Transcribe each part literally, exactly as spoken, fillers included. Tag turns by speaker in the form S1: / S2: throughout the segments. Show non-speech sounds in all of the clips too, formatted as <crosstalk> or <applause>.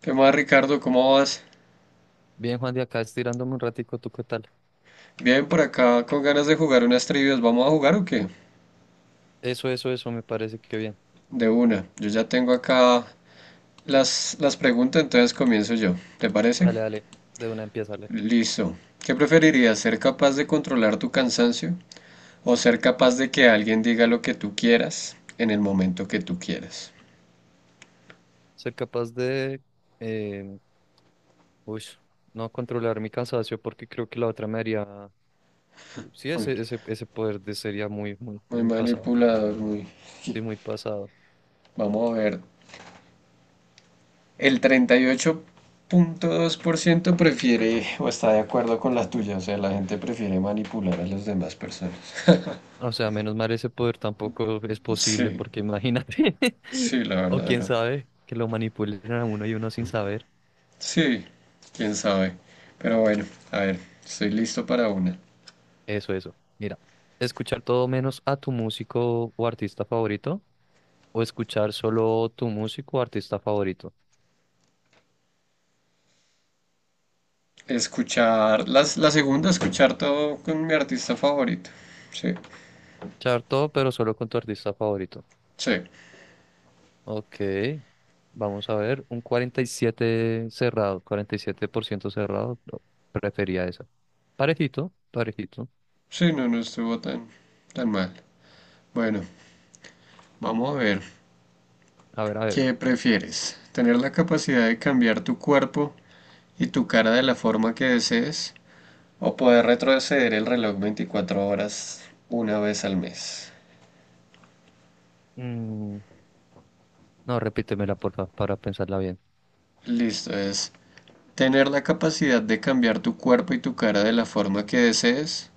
S1: ¿Qué más, Ricardo? ¿Cómo vas?
S2: Bien, Juan, de acá estirándome un ratico, ¿tú qué tal?
S1: Bien, por acá con ganas de jugar unas trivias. ¿Vamos a jugar o qué?
S2: Eso, eso, eso, me parece que bien.
S1: De una. Yo ya tengo acá las, las preguntas, entonces comienzo yo. ¿Te parece?
S2: Dale, dale, de una empieza, dale.
S1: Listo. ¿Qué preferirías? ¿Ser capaz de controlar tu cansancio o ser capaz de que alguien diga lo que tú quieras en el momento que tú quieras?
S2: Ser capaz de, eh, uy, no controlar mi cansancio porque creo que la otra me haría, sí,
S1: Muy,
S2: ese, ese, ese poder de sería muy, muy,
S1: muy
S2: muy pasado.
S1: manipulador, muy... <laughs>
S2: Sí, muy pasado.
S1: Vamos a ver. El treinta y ocho punto dos por ciento prefiere o está de acuerdo con la tuya, o sea, la gente prefiere manipular a las demás personas. <laughs>
S2: O sea, menos mal ese poder tampoco es posible
S1: Sí,
S2: porque imagínate, <laughs>
S1: sí, la
S2: o
S1: verdad
S2: quién
S1: no.
S2: sabe, que lo manipulen a uno y uno sin saber.
S1: Sí, quién sabe. Pero bueno, a ver, estoy listo para una.
S2: Eso, eso. Mira, escuchar todo menos a tu músico o artista favorito o escuchar solo tu músico o artista favorito.
S1: Escuchar, las, la segunda, escuchar todo con mi artista favorito. Sí,
S2: Escuchar todo, pero solo con tu artista favorito.
S1: sí,
S2: Ok, vamos a ver, un cuarenta y siete cerrado, cuarenta y siete por ciento cerrado, no, prefería esa. Parejito, parejito.
S1: sí, no, no estuvo tan, tan mal. Bueno, vamos a ver,
S2: A ver, a ver.
S1: ¿qué prefieres? ¿Tener la capacidad de cambiar tu cuerpo y tu cara de la forma que desees o poder retroceder el reloj veinticuatro horas una vez al mes?
S2: Mm, no, repítemela, por favor, para pensarla bien.
S1: Listo, es tener la capacidad de cambiar tu cuerpo y tu cara de la forma que desees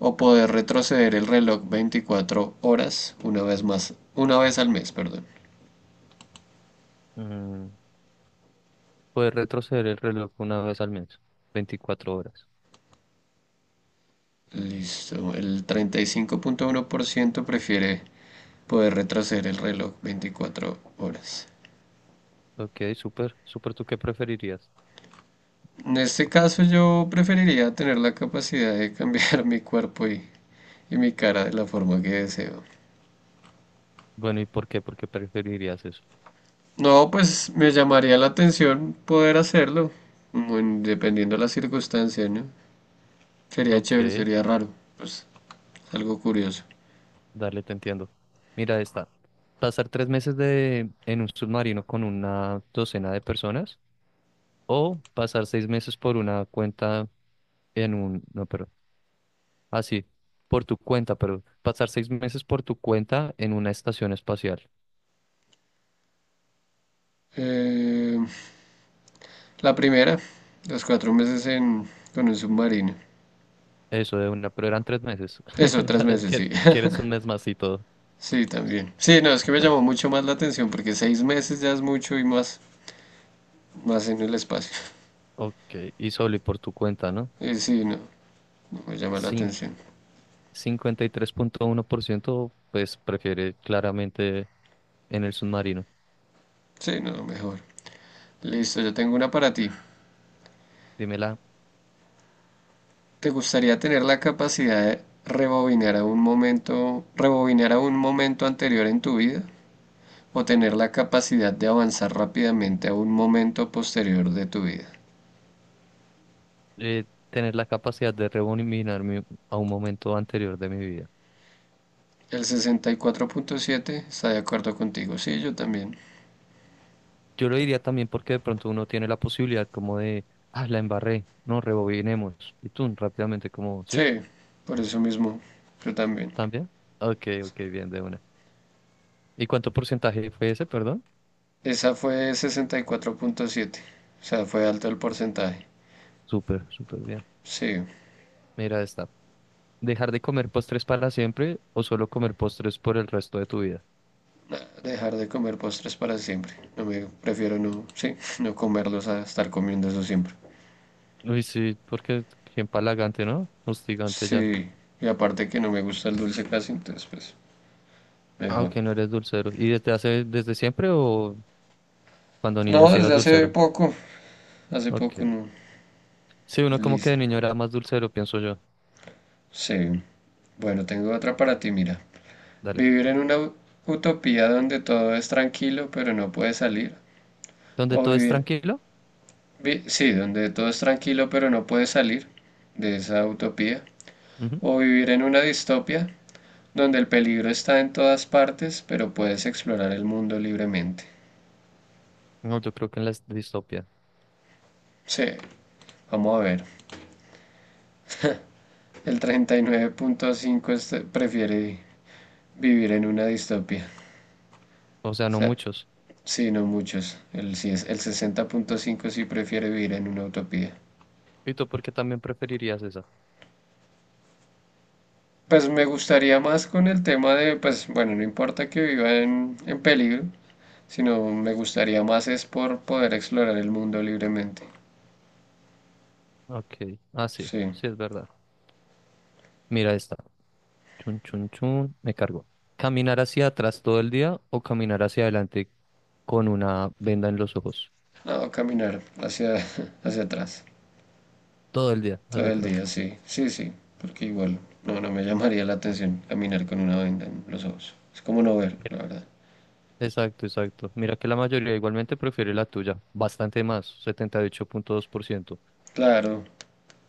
S1: o poder retroceder el reloj veinticuatro horas una vez más, una vez al mes, perdón.
S2: Mm, Puedes retroceder el reloj una vez al mes, veinticuatro horas.
S1: Listo, el treinta y cinco punto uno por ciento prefiere poder retroceder el reloj veinticuatro horas.
S2: Ok, súper, súper, ¿tú qué preferirías?
S1: En este caso yo preferiría tener la capacidad de cambiar <laughs> mi cuerpo y, y mi cara de la forma que deseo.
S2: Bueno, ¿y por qué? ¿Por qué preferirías eso?
S1: No, pues me llamaría la atención poder hacerlo, mm, en- dependiendo de las circunstancias, ¿no? Sería chévere,
S2: Ok.
S1: sería raro, pues es algo curioso.
S2: Dale, te entiendo. Mira esta. Pasar tres meses de, en un submarino con una docena de personas o pasar seis meses por una cuenta en un... No, pero... Ah, sí, por tu cuenta, pero pasar seis meses por tu cuenta en una estación espacial.
S1: Eh, la primera, los cuatro meses en, con un submarino.
S2: Eso de una, pero eran tres meses.
S1: Eso,
S2: <laughs>
S1: tres
S2: Ya,
S1: meses, sí.
S2: ¿quie-
S1: <laughs>
S2: quieres un mes más y todo?
S1: Sí, también. Sí, no, es que me llamó mucho más la atención porque seis meses ya es mucho y más, más en el espacio.
S2: Ok, y solo y por tu cuenta, ¿no?
S1: Y sí, no, no me llama la
S2: Cin-
S1: atención.
S2: Cincuenta y tres punto uno por ciento pues prefiere claramente en el submarino.
S1: Sí, no, mejor. Listo, yo tengo una para ti.
S2: Dímela.
S1: ¿Te gustaría tener la capacidad de rebobinar a un momento, rebobinar a un momento anterior en tu vida o tener la capacidad de avanzar rápidamente a un momento posterior de tu vida?
S2: eh, tener la capacidad de revolucionarme a un momento anterior de mi vida.
S1: El sesenta y cuatro punto siete está de acuerdo contigo. Sí, yo también.
S2: Yo lo diría también porque de pronto uno tiene la posibilidad como de, ah, la embarré, no, rebobinemos. Y tú rápidamente como, ¿sí?
S1: Sí, por eso mismo, yo también.
S2: ¿También? Ok, ok, bien, de una. ¿Y cuánto porcentaje fue ese, perdón?
S1: Esa fue sesenta y cuatro punto siete. O sea, fue alto el porcentaje.
S2: Súper, súper bien.
S1: Sí.
S2: Mira esta. ¿Dejar de comer postres para siempre o solo comer postres por el resto de tu vida?
S1: Nah, dejar de comer postres para siempre. No me prefiero no, sí, no comerlos a estar comiendo eso siempre.
S2: Uy, sí, porque qué empalagante, ¿no? Hostigante ya.
S1: Sí, y aparte que no me gusta el dulce casi, entonces pues
S2: Ah,
S1: mejor.
S2: ok, no eres dulcero. ¿Y desde hace, desde siempre o cuando niño
S1: No,
S2: sí eras
S1: desde hace
S2: dulcero?
S1: poco, hace poco
S2: Ok.
S1: no.
S2: Sí, uno como que
S1: Liz.
S2: de niño era más dulcero, pienso yo.
S1: Sí. Bueno, tengo otra para ti, mira.
S2: Dale.
S1: Vivir en una utopía donde todo es tranquilo pero no puedes salir.
S2: ¿Donde
S1: O
S2: todo es
S1: vivir,
S2: tranquilo?
S1: vi- sí, donde todo es tranquilo pero no puedes salir de esa utopía.
S2: Ujú.
S1: O vivir en una distopia donde el peligro está en todas partes, pero puedes explorar el mundo libremente.
S2: No, yo creo que en la distopia.
S1: Sí, vamos a ver. El treinta y nueve punto cinco este- prefiere vivir en una distopia.
S2: O sea,
S1: O
S2: no
S1: sea,
S2: muchos.
S1: sí, no muchos. El, sí es- el sesenta punto cinco sí prefiere vivir en una utopía.
S2: ¿Y tú por qué también preferirías esa?
S1: Pues me gustaría más con el tema de, pues bueno, no importa que viva en, en peligro, sino me gustaría más es por poder explorar el mundo libremente.
S2: Ok. Ah, sí.
S1: Sí.
S2: Sí, es verdad. Mira esta. Chun, chun, chun. Me cargo. ¿Caminar hacia atrás todo el día o caminar hacia adelante con una venda en los ojos?
S1: No, caminar hacia, <laughs> hacia atrás
S2: Todo el día,
S1: todo
S2: hacia
S1: el
S2: atrás.
S1: día, sí, sí, sí, porque igual no, no me llamaría la atención caminar con una venda en los ojos. Es como no ver,
S2: Mira.
S1: la verdad.
S2: Exacto, exacto. Mira que la mayoría igualmente prefiere la tuya. Bastante más, setenta y ocho punto dos por ciento.
S1: Claro,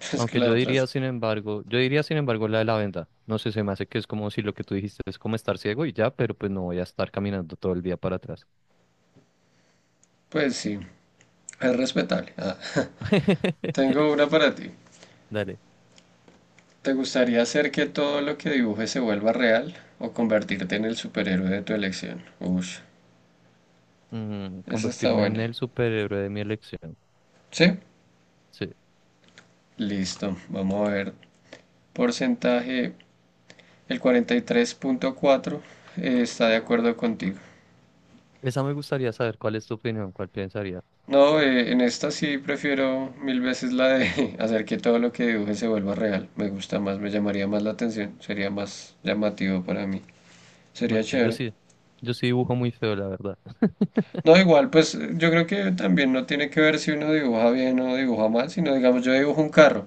S1: <laughs> es que
S2: Aunque
S1: la
S2: yo
S1: otra es,
S2: diría, sin embargo, yo diría, sin embargo, la de la venta. No sé, se me hace que es como si lo que tú dijiste es como estar ciego y ya, pero pues no voy a estar caminando todo el día para atrás.
S1: pues sí, es respetable. Ah, <laughs>
S2: <laughs>
S1: tengo una para ti.
S2: Dale.
S1: ¿Te gustaría hacer que todo lo que dibujes se vuelva real o convertirte en el superhéroe de tu elección? Ush,
S2: Mm,
S1: esa está
S2: convertirme en
S1: buena.
S2: el superhéroe de mi elección.
S1: ¿Sí?
S2: Sí.
S1: Listo, vamos a ver porcentaje. El cuarenta y tres punto cuatro eh, está de acuerdo contigo.
S2: Esa me gustaría saber cuál es tu opinión, cuál pensaría.
S1: No, eh, en esta sí prefiero mil veces la de <laughs> hacer que todo lo que dibuje se vuelva real. Me gusta más, me llamaría más la atención, sería más llamativo para mí. Sería
S2: Ok, yo
S1: chévere.
S2: sí, yo sí dibujo muy feo, la verdad. <laughs>
S1: No, igual, pues yo creo que también no tiene que ver si uno dibuja bien o dibuja mal, sino digamos yo dibujo un carro.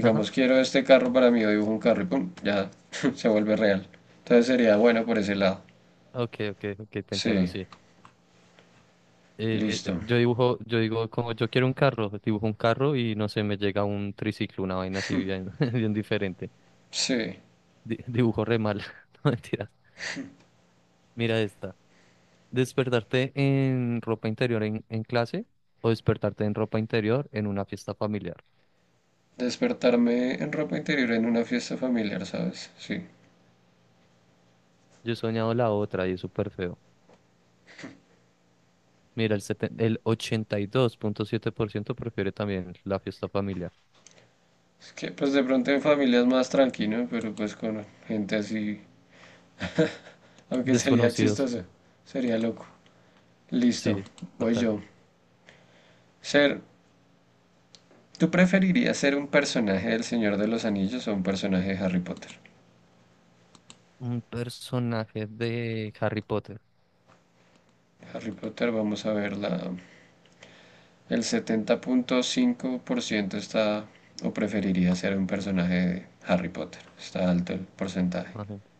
S2: Ajá.
S1: quiero este carro para mí, yo dibujo un carro y pum, ya <laughs> se vuelve real. Entonces sería bueno por ese lado.
S2: Ok, ok, ok, te entiendo,
S1: Sí,
S2: sí. Eh, eh,
S1: listo.
S2: yo dibujo, yo digo, como yo quiero un carro, dibujo un carro y no sé, me llega un triciclo, una vaina así bien, <laughs> bien diferente.
S1: Sí.
S2: Di- <laughs> dibujo re mal. <laughs> No mentiras. Mira esta. ¿Despertarte en ropa interior en, en, clase o despertarte en ropa interior en una fiesta familiar?
S1: Despertarme en ropa interior en una fiesta familiar, ¿sabes? Sí.
S2: Yo he soñado la otra y es súper feo. Mira, el, seten- el ochenta y dos punto siete por ciento prefiere también la fiesta familiar.
S1: Es que pues de pronto en familia es más tranquilo, pero pues con gente así, aunque <laughs> sería
S2: Desconocidos.
S1: chistoso, sería loco. Listo,
S2: Sí,
S1: voy
S2: total.
S1: yo. Ser, ¿Tú preferirías ser un personaje del Señor de los Anillos o un personaje de Harry Potter?
S2: Un personaje de Harry Potter.
S1: Harry Potter, vamos a ver, la, el setenta punto cinco por ciento está o preferiría ser un personaje de Harry Potter. Está alto el porcentaje.
S2: Imagínate.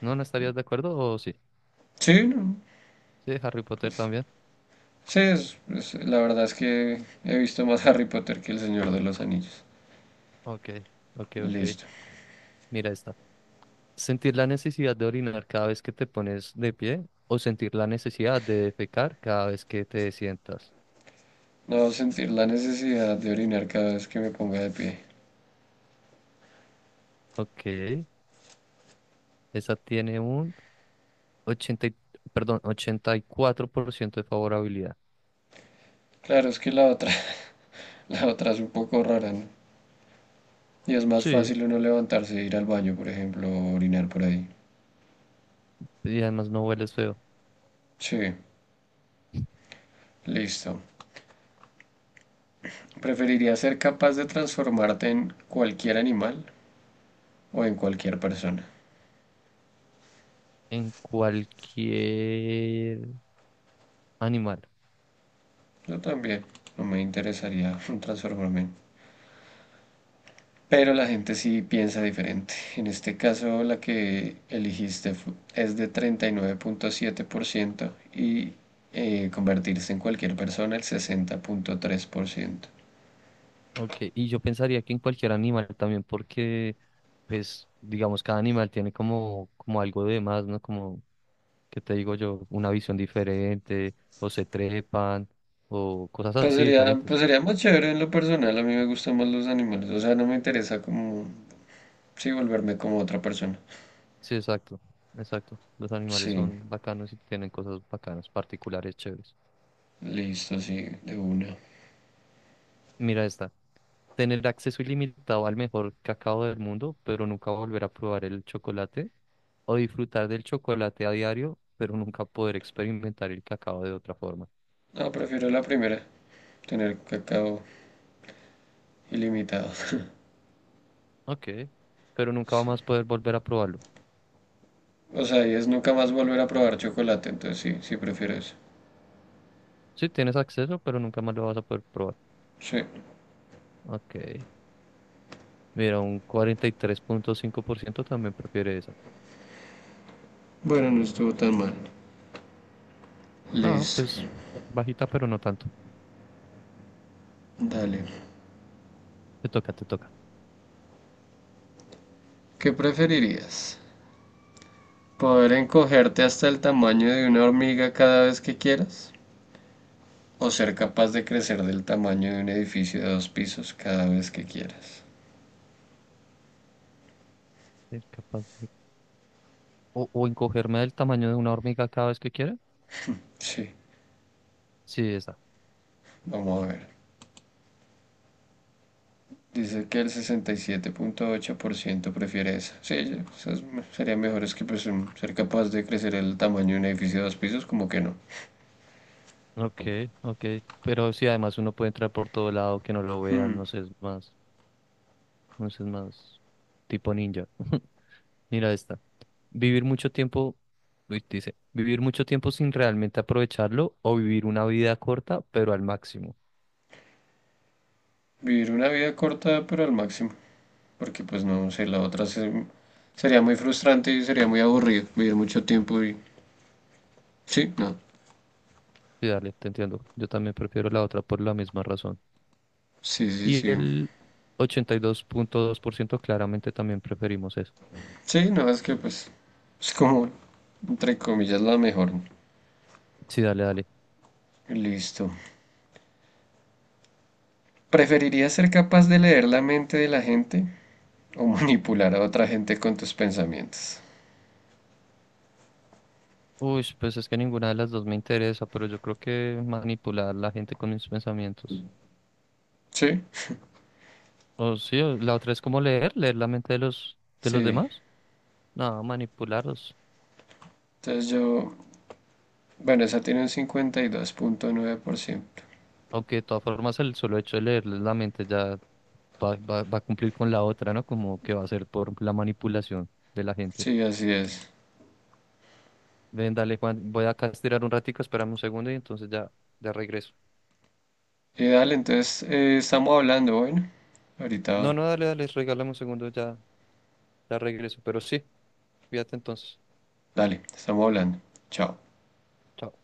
S2: ¿No, no estarías de acuerdo o sí?
S1: Sí, no,
S2: Sí, Harry Potter
S1: pues
S2: también.
S1: sí, es- es- la verdad es que he visto más Harry Potter que El Señor de los Anillos.
S2: Ok, ok, ok.
S1: Listo.
S2: Mira esta. Sentir la necesidad de orinar cada vez que te pones de pie o sentir la necesidad de defecar cada vez que te sientas.
S1: No sentir la necesidad de orinar cada vez que me ponga de pie.
S2: Ok, esa tiene un ochenta y- perdón, ochenta y cuatro por ciento de favorabilidad.
S1: Claro, es que la otra, <laughs> la otra es un poco rara, ¿no? Y es más
S2: Sí,
S1: fácil uno levantarse e ir al baño, por ejemplo, o orinar por ahí.
S2: y además no hueles feo.
S1: Sí, listo. ¿Preferiría ser capaz de transformarte en cualquier animal o en cualquier persona?
S2: En cualquier animal.
S1: Yo también. No me interesaría <laughs> transformarme en. Pero la gente sí piensa diferente. En este caso, la que elegiste fu- es de treinta y nueve punto siete por ciento y eh, convertirse en cualquier persona el sesenta punto tres por ciento.
S2: Ok, y yo pensaría que en cualquier animal también porque, pues, digamos, cada animal tiene como, como algo de más, ¿no? ¿Como que te digo yo? Una visión diferente, o se trepan, o cosas
S1: Pues
S2: así
S1: sería, pues
S2: diferentes.
S1: sería más chévere en lo personal. A mí me gustan más los animales. O sea, no me interesa como, sí, volverme como otra persona.
S2: Sí, exacto, exacto. Los animales
S1: Sí,
S2: son bacanos y tienen cosas bacanas, particulares, chéveres.
S1: listo, sí, de una.
S2: Mira esta. Tener acceso ilimitado al mejor cacao del mundo, pero nunca volver a probar el chocolate. O disfrutar del chocolate a diario, pero nunca poder experimentar el cacao de otra forma.
S1: No, prefiero la primera, tener cacao ilimitado. <laughs>
S2: Ok, pero nunca
S1: Sí.
S2: más poder volver a probarlo.
S1: O sea, y es nunca más volver a probar chocolate, entonces sí, sí prefiero eso.
S2: Sí, tienes acceso, pero nunca más lo vas a poder probar.
S1: Sí.
S2: Ok. Mira, un cuarenta y tres punto cinco por ciento también prefiere esa.
S1: Bueno, no estuvo tan mal.
S2: No, pues
S1: Listo.
S2: bajita, pero no tanto.
S1: Dale.
S2: Te toca, te toca.
S1: ¿Qué preferirías? ¿Poder encogerte hasta el tamaño de una hormiga cada vez que quieras? ¿O ser capaz de crecer del tamaño de un edificio de dos pisos cada vez que quieras?
S2: Ser capaz de- O, o encogerme del tamaño de una hormiga cada vez que quiera.
S1: Sí,
S2: Sí, esa.
S1: vamos a ver. Dice que el sesenta y siete punto ocho por ciento prefiere esa. Sí, ya, esas serían mejores que pues, ser capaz de crecer el tamaño de un edificio de dos pisos, como que no.
S2: Ok, ok. Pero sí, además uno puede entrar por todo lado, que no lo vean, no sé, es más, no sé, es más tipo ninja. <laughs> Mira esta. Vivir mucho tiempo, uy, dice, vivir mucho tiempo sin realmente aprovecharlo o vivir una vida corta, pero al máximo.
S1: Vivir una vida corta, pero al máximo. Porque pues no sé, la otra se- sería muy frustrante y sería muy aburrido vivir mucho tiempo y... Sí, no.
S2: Sí, dale, te entiendo. Yo también prefiero la otra por la misma razón.
S1: Sí, sí,
S2: Y
S1: sí.
S2: el ochenta y dos dos punto dos por ciento claramente también preferimos eso.
S1: Sí, no, es que pues es como, entre comillas, la mejor.
S2: Sí, dale, dale.
S1: Listo. ¿Preferirías ser capaz de leer la mente de la gente o manipular a otra gente con tus pensamientos?
S2: Uy, pues es que ninguna de las dos me interesa, pero yo creo que manipular a la gente con mis pensamientos.
S1: Sí,
S2: O sí, o la otra es como leer, leer la mente de los, de los
S1: sí.
S2: demás. No, manipularlos.
S1: Entonces yo, bueno, esa tiene un cincuenta y dos punto nueve por ciento.
S2: Aunque de todas formas el solo hecho de leerles la mente ya va, va, va a cumplir con la otra, ¿no? Como que va a ser por la manipulación de la gente.
S1: Sí, así es.
S2: Ven, dale, Juan, voy acá a estirar un ratico, espérame un segundo y entonces ya, ya regreso.
S1: Eh, dale, entonces eh, estamos hablando, bueno.
S2: No,
S1: Ahorita,
S2: no, dale, dale, regálame un segundo, ya, la regreso, pero sí, fíjate entonces.
S1: dale, estamos hablando. Chao.
S2: Chao.